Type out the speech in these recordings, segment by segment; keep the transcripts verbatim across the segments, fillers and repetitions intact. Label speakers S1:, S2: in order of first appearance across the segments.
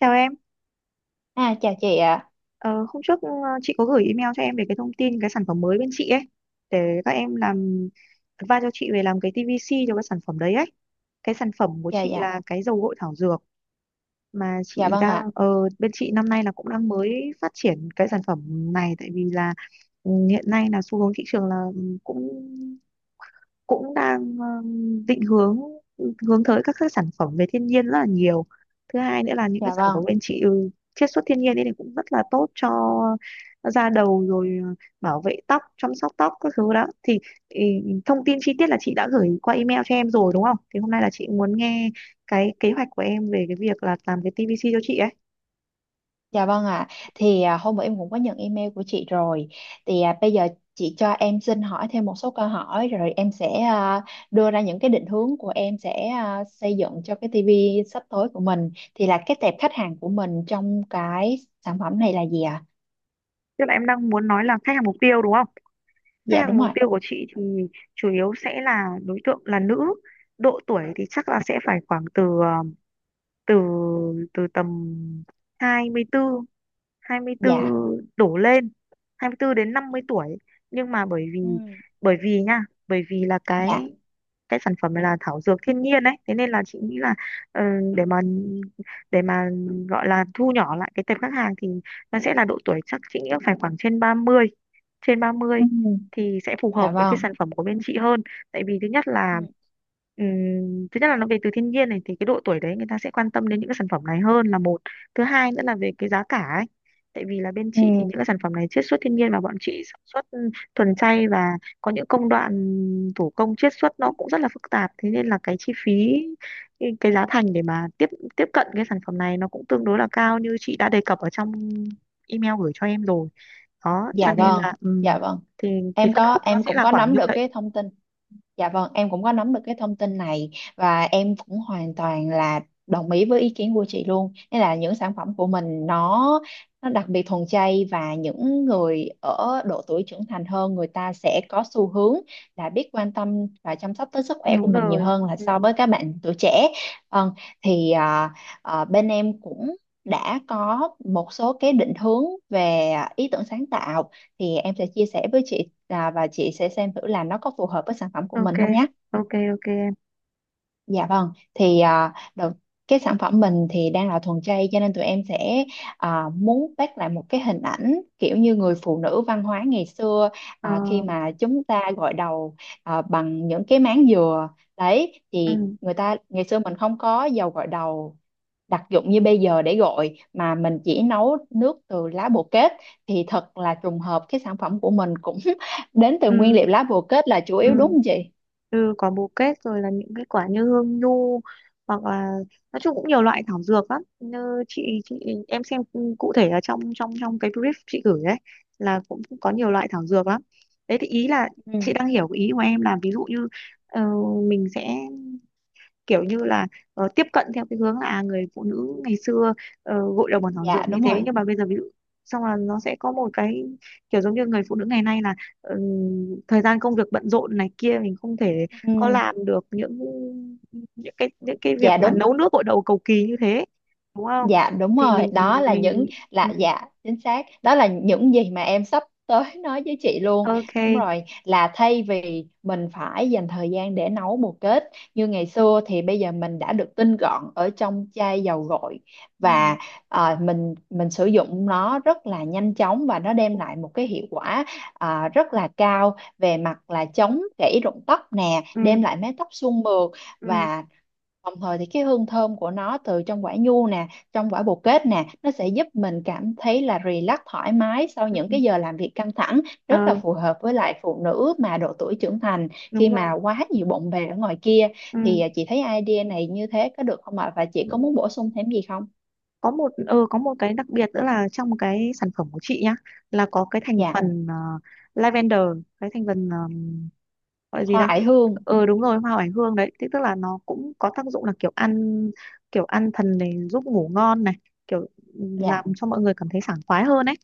S1: Chào em.
S2: À, chào chị ạ.
S1: ờ, Hôm trước, ờ, chị có gửi email cho em về cái thông tin cái sản phẩm mới bên chị ấy, để các em làm advice cho chị về làm cái tê vê xê cho cái sản phẩm đấy ấy. Cái sản phẩm của
S2: Dạ
S1: chị
S2: dạ.
S1: là cái dầu gội thảo dược mà
S2: Dạ
S1: chị
S2: vâng
S1: đang,
S2: ạ.
S1: ờ, bên chị năm nay là cũng đang mới phát triển cái sản phẩm này, tại vì là ừ, hiện nay là xu hướng thị trường là ừ, cũng cũng đang ờ, định hướng, hướng tới các cái sản phẩm về thiên nhiên rất là nhiều. Thứ hai nữa là những cái
S2: Dạ
S1: sản phẩm
S2: vâng.
S1: bên chị ừ, chiết xuất thiên nhiên ấy thì cũng rất là tốt cho da đầu rồi, ờ, bảo vệ tóc, chăm sóc tóc các thứ đó. Thì thì thông tin chi tiết là chị đã gửi qua email cho em rồi đúng không, thì hôm nay là chị muốn nghe cái kế hoạch của em về cái việc là làm cái ti vi xi cho chị ấy.
S2: Dạ vâng ạ. Thì à, hôm bữa em cũng có nhận email của chị rồi. Thì à, bây giờ chị cho em xin hỏi thêm một số câu hỏi rồi em sẽ à, đưa ra những cái định hướng của em sẽ à, xây dựng cho cái ti vi sắp tới của mình. Thì là cái tệp khách hàng của mình trong cái sản phẩm này là gì ạ?
S1: Tức là em đang muốn nói là khách hàng mục tiêu đúng không. Khách
S2: Dạ
S1: hàng
S2: đúng
S1: mục
S2: rồi.
S1: tiêu của chị thì chủ yếu sẽ là đối tượng là nữ. Độ tuổi thì chắc là sẽ phải khoảng từ ờ, từ từ tầm hai mươi tư
S2: Dạ.
S1: hai mươi bốn đổ lên, hai mươi tư đến năm mươi tuổi, nhưng mà bởi vì
S2: Ừ.
S1: bởi vì nha bởi vì là cái
S2: Dạ.
S1: cái sản phẩm này là thảo dược thiên nhiên đấy, thế nên là chị nghĩ là ờ, để mà để mà gọi là thu nhỏ lại cái tệp khách hàng thì nó sẽ là độ tuổi chắc chị nghĩ là phải khoảng trên ba mươi, trên ba mươi
S2: Ừ.
S1: thì sẽ phù hợp
S2: Dạ
S1: với cái
S2: vâng.
S1: sản phẩm của bên chị hơn. Tại vì thứ nhất là
S2: Ừ.
S1: ừm, thứ nhất là nó về từ thiên nhiên này thì cái độ tuổi đấy người ta sẽ quan tâm đến những cái sản phẩm này hơn là một. Thứ hai nữa là về cái giá cả ấy, tại vì là bên
S2: Ừ.
S1: chị thì những cái sản phẩm này chiết xuất thiên nhiên và bọn chị sản xuất ừ, thuần chay, và có những công đoạn thủ công chiết xuất nó cũng rất là phức tạp, thế nên là cái chi phí, cái cái giá thành để mà tiếp tiếp cận cái sản phẩm này nó cũng tương đối là cao như chị đã đề cập ở trong email gửi cho em rồi. Đó, cho
S2: Dạ
S1: nên
S2: vâng,
S1: là ừm,
S2: dạ vâng,
S1: thì thì
S2: em
S1: phân
S2: có
S1: khúc nó
S2: em
S1: sẽ
S2: cũng
S1: là
S2: có
S1: khoảng
S2: nắm
S1: như
S2: được
S1: vậy.
S2: cái thông tin. Dạ vâng, em cũng có nắm được cái thông tin này và em cũng hoàn toàn là đồng ý với ý kiến của chị luôn. Nên là những sản phẩm của mình nó nó đặc biệt thuần chay và những người ở độ tuổi trưởng thành hơn người ta sẽ có xu hướng là biết quan tâm và chăm sóc tới sức khỏe của
S1: Đúng
S2: mình nhiều
S1: rồi.
S2: hơn là
S1: Ừm,
S2: so với các bạn tuổi trẻ. Vâng, thì à, à, bên em cũng đã có một số cái định hướng về ý tưởng sáng tạo, thì em sẽ chia sẻ với chị, à, và chị sẽ xem thử là nó có phù hợp với sản phẩm của
S1: ok,
S2: mình không nhé.
S1: ok, ok em.
S2: Dạ vâng, thì à, đầu cái sản phẩm mình thì đang là thuần chay cho nên tụi em sẽ à, muốn bắt lại một cái hình ảnh kiểu như người phụ nữ văn hóa ngày xưa,
S1: Ờ,
S2: à, khi mà chúng ta gội đầu à, bằng những cái máng dừa. Đấy thì
S1: ừm,
S2: người ta ngày xưa mình không có dầu gội đầu đặc dụng như bây giờ, để gọi mà mình chỉ nấu nước từ lá bồ kết. Thì thật là trùng hợp, cái sản phẩm của mình cũng đến từ nguyên
S1: ừm,
S2: liệu lá bồ kết là chủ yếu, đúng
S1: ừm.
S2: không chị?
S1: Ừ, có bồ kết rồi, là những cái quả như hương nhu, hoặc là nói chung cũng nhiều loại thảo dược lắm, như chị chị em xem cụ thể là trong, trong trong cái brief chị gửi đấy là cũng có nhiều loại thảo dược lắm. Đấy, thì ý là
S2: Ừ.
S1: chị đang hiểu cái ý của em là, ví dụ như ờ, mình sẽ kiểu như là ờ, tiếp cận theo cái hướng là, à, người phụ nữ ngày xưa ờ, gội đầu bằng thảo
S2: Dạ
S1: dược như
S2: đúng rồi.
S1: thế, nhưng mà bây giờ ví dụ xong là nó sẽ có một cái kiểu giống như người phụ nữ ngày nay là, ừm, thời gian công việc bận rộn này kia mình không thể có
S2: Ừ.
S1: làm được những, những cái những cái việc
S2: Dạ
S1: mà
S2: đúng.
S1: nấu nước gội đầu cầu kỳ như thế, đúng không.
S2: Dạ đúng
S1: Thì
S2: rồi,
S1: mình
S2: đó là những,
S1: mình ừ,
S2: là dạ chính xác, đó là những gì mà em sắp tới nói với chị luôn.
S1: ok.
S2: Đúng rồi, là thay vì mình phải dành thời gian để nấu bồ kết như ngày xưa, thì bây giờ mình đã được tinh gọn ở trong chai dầu gội.
S1: ừ,
S2: Và ờ, mình mình sử dụng nó rất là nhanh chóng và nó
S1: ừ,
S2: đem lại một cái hiệu quả ờ, rất là cao về mặt là chống gãy rụng tóc nè,
S1: ừ,
S2: đem lại mái tóc suôn mượt
S1: ừ.
S2: và đồng thời thì cái hương thơm của nó từ trong quả nhu nè, trong quả bồ kết nè, nó sẽ giúp mình cảm thấy là relax thoải mái sau
S1: ừ.
S2: những cái giờ làm việc căng thẳng, rất là
S1: Ờ,
S2: phù hợp với lại phụ nữ mà độ tuổi trưởng thành, khi
S1: đúng rồi.
S2: mà quá nhiều bộn bề ở ngoài kia. Thì
S1: ừ.
S2: à, chị thấy idea này như thế có được không ạ? Và chị
S1: ừ.
S2: có muốn bổ sung thêm gì không?
S1: Có một, ờ có một cái đặc biệt nữa là trong cái sản phẩm của chị nhá, là có cái thành
S2: Dạ,
S1: phần ờ, lavender, cái thành phần, ờ, gọi gì
S2: hoa
S1: ta.
S2: oải hương.
S1: Ờ, đúng rồi, hoa oải hương đấy. Thế tức là nó cũng có tác dụng là kiểu ăn, kiểu ăn thần này, giúp ngủ ngon này, kiểu, ừ, làm
S2: Dạ,
S1: cho mọi người cảm thấy sảng khoái hơn ấy.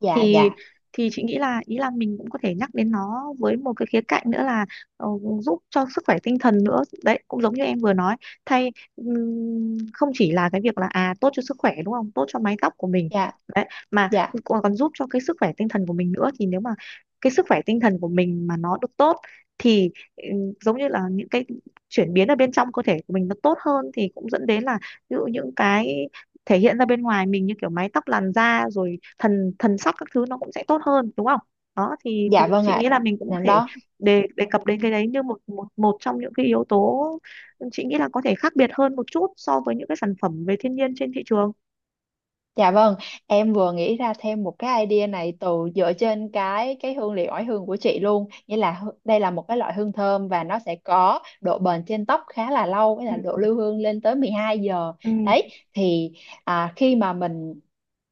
S2: dạ,
S1: Thì
S2: dạ,
S1: thì chị nghĩ là ý là mình cũng có thể nhắc đến nó với một cái khía cạnh nữa là ờ, giúp cho sức khỏe tinh thần nữa đấy, cũng giống như em vừa nói. Thay, ừm, không chỉ là cái việc là à tốt cho sức khỏe đúng không, tốt cho mái tóc của mình
S2: dạ,
S1: đấy, mà
S2: dạ,
S1: còn còn giúp cho cái sức khỏe tinh thần của mình nữa. Thì nếu mà cái sức khỏe tinh thần của mình mà nó được tốt thì ừm, giống như là những cái chuyển biến ở bên trong cơ thể của mình nó tốt hơn, thì cũng dẫn đến là ví dụ những cái thể hiện ra bên ngoài mình như kiểu mái tóc, làn da rồi thần thần sắc các thứ nó cũng sẽ tốt hơn đúng không. Đó, thì thì
S2: dạ vâng
S1: chị
S2: ạ.
S1: nghĩ là mình cũng có thể,
S2: Đó.
S1: đề đề cập đến cái đấy như một một một trong những cái yếu tố chị nghĩ là có thể khác biệt hơn một chút so với những cái sản phẩm về thiên nhiên trên thị trường.
S2: Dạ vâng, em vừa nghĩ ra thêm một cái idea này từ, dựa trên cái cái hương liệu oải hương của chị luôn. Nghĩa là hư- đây là một cái loại hương thơm và nó sẽ có độ bền trên tóc khá là lâu, với
S1: ừ
S2: là độ lưu hương lên tới mười hai giờ.
S1: ừ
S2: Đấy, thì à, khi mà mình,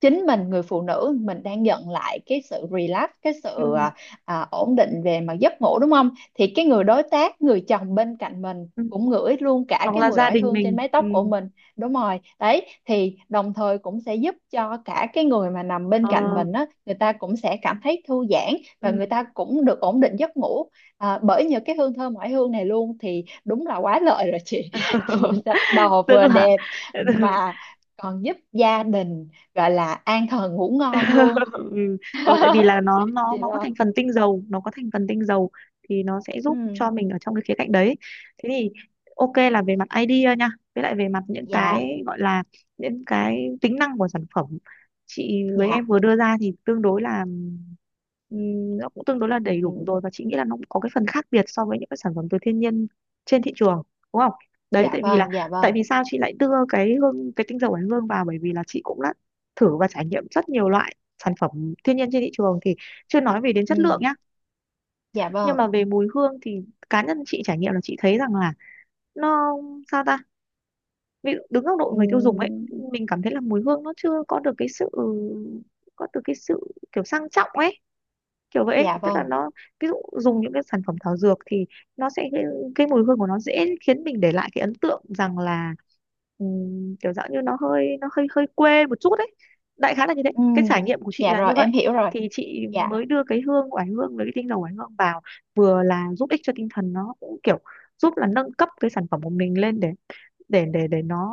S2: chính mình, người phụ nữ mình đang nhận lại cái sự relax, cái sự,
S1: ừ,
S2: à, à, ổn định về mặt giấc ngủ đúng không? Thì cái người đối tác, người chồng bên cạnh mình
S1: ừ.
S2: cũng ngửi luôn cả
S1: Hoặc
S2: cái
S1: là
S2: mùi
S1: gia
S2: oải
S1: đình
S2: hương trên
S1: mình.
S2: mái tóc của
S1: ừ
S2: mình. Đúng rồi đấy, thì đồng thời cũng sẽ giúp cho cả cái người mà nằm
S1: ờ
S2: bên cạnh mình á, người ta cũng sẽ cảm thấy thư giãn và
S1: ừ.
S2: người ta cũng được ổn định giấc ngủ, à, bởi nhờ cái hương thơm ngoại hương này luôn. Thì đúng là quá lợi rồi chị. Vừa sạch đầu
S1: Tức
S2: vừa
S1: là.
S2: đẹp mà còn giúp gia đình, gọi là an thần ngủ ngon luôn.
S1: ừ. Rồi. Tại vì là nó nó
S2: Chị
S1: nó có
S2: đó.
S1: thành phần tinh dầu, nó có thành phần tinh dầu thì nó sẽ giúp
S2: Ừ.
S1: cho mình ở trong cái khía cạnh đấy. Thế thì, ok, là về mặt idea nha, với lại về mặt những
S2: Dạ
S1: cái gọi là những cái tính năng của sản phẩm chị với em
S2: dạ.
S1: vừa đưa ra thì tương đối là, ừm, nó cũng tương đối là đầy đủ
S2: Ừ,
S1: rồi, và chị nghĩ là nó cũng có cái phần khác biệt so với những cái sản phẩm từ thiên nhiên trên thị trường, đúng không. Đấy,
S2: dạ
S1: tại vì là,
S2: vâng, dạ
S1: tại
S2: vâng.
S1: vì sao chị lại đưa cái hương, cái tinh dầu oải hương vào, bởi vì là chị cũng đã thử và trải nghiệm rất nhiều loại sản phẩm thiên nhiên trên thị trường, thì chưa nói về đến
S2: Ừ,
S1: chất lượng nhá,
S2: dạ
S1: nhưng
S2: vâng.
S1: mà về mùi hương thì cá nhân chị trải nghiệm là chị thấy rằng là nó, sao ta, ví dụ đứng góc độ
S2: Ừ,
S1: người tiêu dùng ấy, mình cảm thấy là mùi hương nó chưa có được cái sự, có được cái sự kiểu sang trọng ấy, kiểu vậy ấy.
S2: dạ
S1: Tức là
S2: vâng.
S1: nó, ví dụ dùng những cái sản phẩm thảo dược thì nó sẽ cái, cái mùi hương của nó dễ khiến mình để lại cái ấn tượng rằng là, ừm, kiểu dạng như nó hơi nó hơi hơi quê một chút đấy, đại khái là như thế,
S2: Ừ,
S1: cái trải nghiệm của chị
S2: dạ
S1: là
S2: rồi
S1: như vậy.
S2: em hiểu rồi.
S1: Thì chị
S2: Dạ,
S1: mới đưa cái hương oải hương với cái tinh dầu oải hương vào, vừa là giúp ích cho tinh thần, nó cũng kiểu giúp là nâng cấp cái sản phẩm của mình lên để, để để để nó,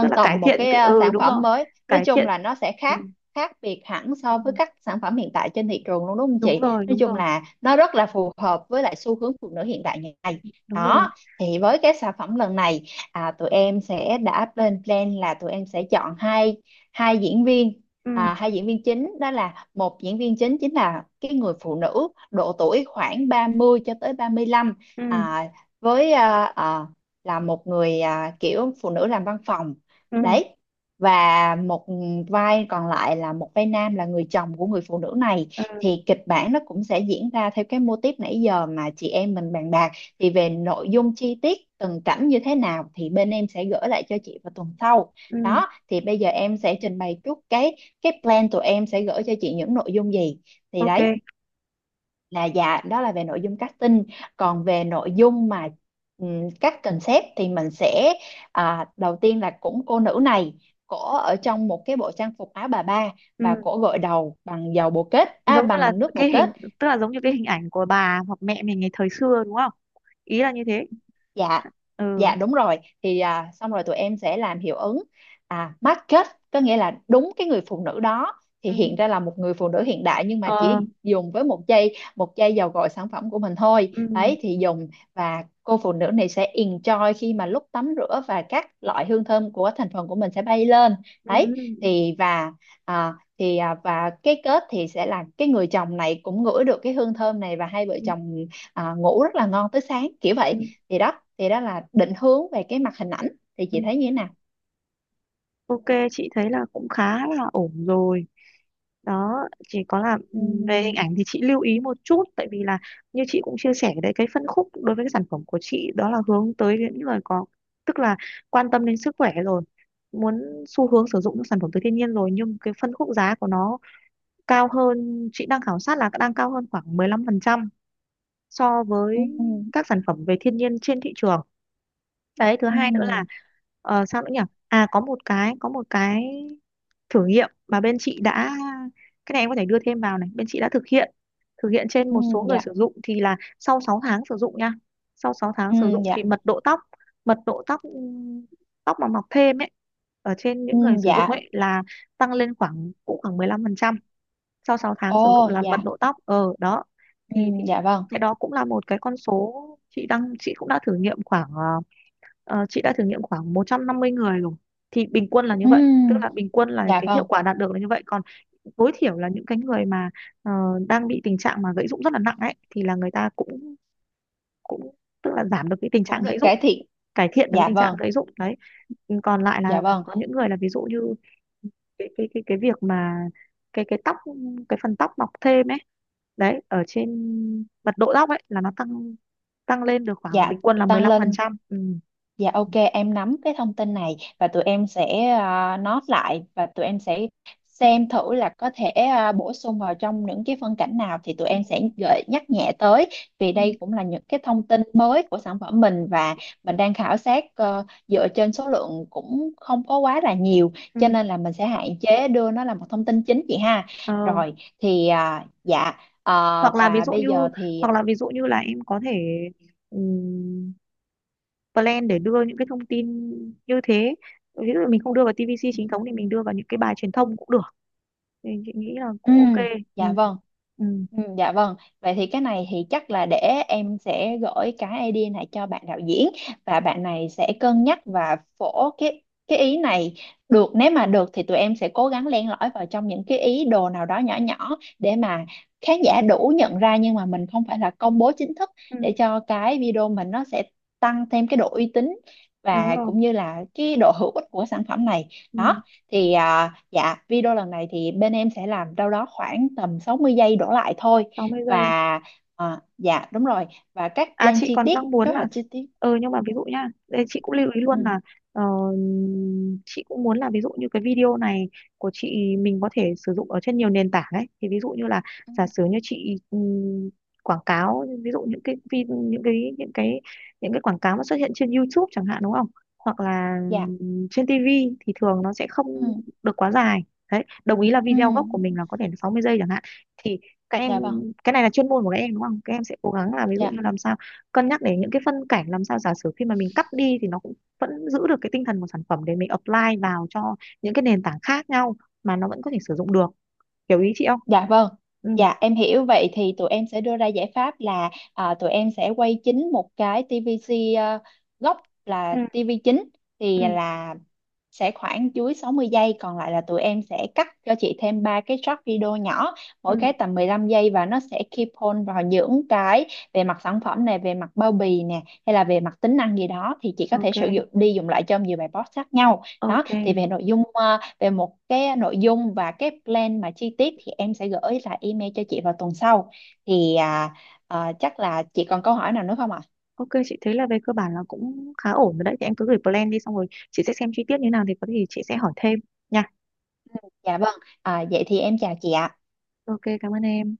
S1: tức là cải
S2: tầm một
S1: thiện
S2: cái,
S1: cái,
S2: à,
S1: ừ
S2: sản
S1: đúng
S2: phẩm
S1: rồi,
S2: mới, nói
S1: cải
S2: chung
S1: thiện.
S2: là nó sẽ
S1: ừ,
S2: khác khác biệt hẳn so với
S1: ừ,
S2: các sản phẩm hiện tại trên thị trường luôn, đúng không
S1: Đúng
S2: chị?
S1: rồi,
S2: Nói
S1: đúng
S2: chung
S1: rồi,
S2: là nó rất là phù hợp với lại xu hướng phụ nữ hiện đại ngày nay.
S1: đúng rồi.
S2: Đó. Thì với cái sản phẩm lần này, à, tụi em sẽ đã lên plan là tụi em sẽ chọn hai hai diễn viên,
S1: ừ
S2: à, hai diễn viên chính. Đó là một diễn viên chính, chính là cái người phụ nữ độ tuổi khoảng ba mươi cho tới ba mươi lăm,
S1: ừ
S2: à, với, à, à, là một người, à, kiểu phụ nữ làm văn phòng.
S1: ừ
S2: Đấy. Và một vai còn lại là một vai nam, là người chồng của người phụ nữ này.
S1: ừ
S2: Thì kịch bản nó cũng sẽ diễn ra theo cái mô típ nãy giờ mà chị em mình bàn bạc. Thì về nội dung chi tiết từng cảnh như thế nào, thì bên em sẽ gửi lại cho chị vào tuần sau.
S1: ừ
S2: Đó thì bây giờ em sẽ trình bày chút cái, cái plan tụi em sẽ gửi cho chị những nội dung gì, thì
S1: ok.
S2: đấy là, dạ đó là về nội dung casting. Còn về nội dung mà, ừm, các concept, thì mình sẽ, à, đầu tiên là cũng cô nữ này, cổ ở trong một cái bộ trang phục áo bà ba và
S1: ừ.
S2: cổ gội đầu bằng dầu bồ kết, à,
S1: Giống như là
S2: bằng nước bồ
S1: cái
S2: kết.
S1: hình, tức là giống như cái hình ảnh của bà hoặc mẹ mình ngày thời xưa đúng không, ý là như thế.
S2: Dạ.
S1: Ừ
S2: Dạ đúng rồi, thì à, xong rồi tụi em sẽ làm hiệu ứng, à market, có nghĩa là đúng cái người phụ nữ đó thì
S1: ừ
S2: hiện ra là một người phụ nữ hiện đại, nhưng mà
S1: ờ
S2: chỉ dùng với một giây, một giây vào gọi sản phẩm của mình thôi.
S1: ừ
S2: Đấy thì dùng, và cô phụ nữ này sẽ enjoy khi mà lúc tắm rửa, và các loại hương thơm của thành phần của mình sẽ bay lên.
S1: ừ
S2: Đấy
S1: ừ
S2: thì, và à, thì à, và cái kết thì sẽ là cái người chồng này cũng ngửi được cái hương thơm này, và hai vợ
S1: ừ
S2: chồng à, ngủ rất là ngon tới sáng kiểu
S1: ừ,
S2: vậy. Thì đó. Thì đó là định hướng về cái mặt hình ảnh, thì
S1: ừ.
S2: chị thấy như thế nào?
S1: Ok, chị thấy là cũng khá là ổn rồi. Đó, chỉ có là
S2: Ừ.
S1: ừm, về hình ảnh thì chị lưu ý một chút, tại vì là như chị cũng chia sẻ đấy, cái phân khúc đối với cái sản phẩm của chị đó là hướng tới những người có, tức là quan tâm đến sức khỏe rồi, muốn xu hướng sử dụng những sản phẩm từ thiên nhiên rồi, nhưng cái phân khúc giá của nó cao hơn, chị đang khảo sát là đang cao hơn khoảng mười lăm phần trăm so
S2: Ừ.
S1: với các sản phẩm về thiên nhiên trên thị trường. Đấy, thứ hai nữa là,
S2: Ừ.
S1: ờ, sao nữa nhỉ, à có một cái, có một cái thử nghiệm mà bên chị đã, cái này em có thể đưa thêm vào này, bên chị đã thực hiện, thực hiện trên
S2: Ừ.
S1: một số người
S2: Dạ.
S1: sử dụng, thì là sau sáu tháng sử dụng nha, sau sáu tháng
S2: Ừ.
S1: sử dụng thì
S2: Dạ.
S1: mật độ tóc, mật độ tóc ừm, tóc mà mọc thêm ấy ở trên
S2: Ừ.
S1: những người sử dụng
S2: Dạ.
S1: ấy là tăng lên khoảng cũng khoảng mười lăm phần trăm. Sau sáu tháng sử dụng
S2: Ồ
S1: là mật
S2: dạ.
S1: độ tóc, ờ đó.
S2: Ừ.
S1: Thì thì
S2: Dạ vâng.
S1: cái đó cũng là một cái con số, chị đang, chị cũng đã thử nghiệm khoảng ờ, ờ, chị đã thử nghiệm khoảng một trăm năm mươi người rồi, thì bình quân là như
S2: Ừ,
S1: vậy, tức là bình quân là
S2: dạ
S1: cái hiệu
S2: vâng.
S1: quả đạt được là như vậy. Còn tối thiểu là những cái người mà ờ, đang bị tình trạng mà gãy rụng rất là nặng ấy thì là người ta cũng, cũng, tức là giảm được cái tình
S2: Cũng
S1: trạng
S2: được
S1: gãy rụng,
S2: cải thiện.
S1: cải thiện được cái
S2: Dạ
S1: tình trạng
S2: vâng.
S1: gãy rụng đấy. Còn lại là
S2: Dạ vâng.
S1: có những người là, ví dụ như cái cái cái cái việc mà, cái cái tóc, cái phần tóc mọc thêm ấy, đấy ở trên mật độ tóc ấy là nó tăng, tăng lên được khoảng
S2: Dạ,
S1: bình quân là
S2: tăng lên.
S1: mười lăm phần trăm. ừ.
S2: Dạ ok, em nắm cái thông tin này và tụi em sẽ ờ, note lại, và tụi em sẽ xem thử là có thể ờ, bổ sung vào trong những cái phân cảnh nào, thì tụi em sẽ gợi nhắc nhẹ tới, vì
S1: Ừ.
S2: đây cũng là những cái thông tin mới của sản phẩm mình, và mình đang khảo sát ờ, dựa trên số lượng cũng không có quá là nhiều, cho
S1: ừ.
S2: nên là mình sẽ hạn chế đưa nó là một thông tin chính, chị ha.
S1: Ờ,
S2: Rồi, thì ờ, dạ, ờ,
S1: hoặc là ví
S2: và
S1: dụ
S2: bây
S1: như,
S2: giờ thì,
S1: hoặc là ví dụ như là em có thể, ừm, plan để đưa những cái thông tin như thế, ví dụ mình không đưa vào tê vê xê chính thống thì mình đưa vào những cái bài truyền thông cũng được, thì chị nghĩ là
S2: ừ,
S1: cũng ok.
S2: dạ
S1: ừ.
S2: vâng.
S1: Ừ.
S2: Ừ, dạ vâng. Vậy thì cái này thì chắc là để em sẽ gửi cái idea này cho bạn đạo diễn, và bạn này sẽ cân nhắc và phổ cái, cái ý này. Được, nếu mà được thì tụi em sẽ cố gắng len lỏi vào trong những cái ý đồ nào đó nhỏ nhỏ, để mà khán giả đủ nhận ra, nhưng mà mình không phải là công bố chính thức,
S1: Ừ.
S2: để cho cái video mình nó sẽ tăng thêm cái độ uy tín
S1: Đúng
S2: và
S1: rồi.
S2: cũng như là cái độ hữu ích của sản phẩm này.
S1: ừ.
S2: Đó, thì à, dạ video lần này thì bên em sẽ làm đâu đó khoảng tầm sáu mươi giây đổ lại thôi,
S1: sáu mươi
S2: và
S1: giây.
S2: à, dạ đúng rồi, và các
S1: À
S2: plan
S1: chị
S2: chi
S1: còn
S2: tiết,
S1: đang muốn
S2: kế
S1: là,
S2: hoạch chi tiết.
S1: ờ nhưng mà ví dụ nhá, đây chị cũng lưu ý
S2: Ừ.
S1: luôn là ờ, chị cũng muốn là ví dụ như cái video này của chị mình có thể sử dụng ở trên nhiều nền tảng ấy. Thì ví dụ như là
S2: Ừ,
S1: giả sử như chị ừm, quảng cáo, ví dụ những cái vi- những cái, những cái những cái quảng cáo mà xuất hiện trên YouTube chẳng hạn đúng không? Hoặc là
S2: dạ.
S1: ừm, trên tê vê thì thường nó sẽ
S2: Ừ.
S1: không được quá dài. Đấy, đồng ý là
S2: Ừ.
S1: video gốc của mình là có thể là sáu mươi giây chẳng hạn, thì các em,
S2: Dạ vâng.
S1: cái này là chuyên môn của các em đúng không? Các em sẽ cố gắng là ví dụ như
S2: Dạ.
S1: làm sao cân nhắc đến những cái phân cảnh làm sao giả sử khi mà mình cắt đi thì nó cũng vẫn giữ được cái tinh thần của sản phẩm, để mình apply vào cho những cái nền tảng khác nhau mà nó vẫn có thể sử dụng được, hiểu ý chị không.
S2: Dạ vâng.
S1: ừ
S2: Dạ em hiểu, vậy thì tụi em sẽ đưa ra giải pháp là, à, tụi em sẽ quay chính một cái ti vi xi, ờ, gốc là
S1: ừ
S2: ti vi chính, thì
S1: ừ
S2: là sẽ khoảng dưới sáu mươi giây, còn lại là tụi em sẽ cắt cho chị thêm ba cái short video nhỏ,
S1: ừ
S2: mỗi cái tầm mười lăm giây, và nó sẽ keep on vào những cái về mặt sản phẩm này, về mặt bao bì nè, hay là về mặt tính năng gì đó, thì chị có thể
S1: ok.
S2: sử dụng đi dùng lại trong nhiều bài post khác nhau. Đó,
S1: Ok,
S2: thì về nội dung, ờ, về một cái nội dung và cái plan mà chi tiết, thì em sẽ gửi lại email cho chị vào tuần sau. Thì à, ờ, chắc là chị còn câu hỏi nào nữa không ạ?
S1: ok, chị thấy là về cơ bản là cũng khá ổn rồi, đấy thì em cứ gửi plan đi xong rồi chị sẽ xem chi tiết như nào, thì có gì chị sẽ hỏi thêm nha.
S2: Dạ vâng, à, vậy thì em chào chị ạ.
S1: Ok, cảm ơn em.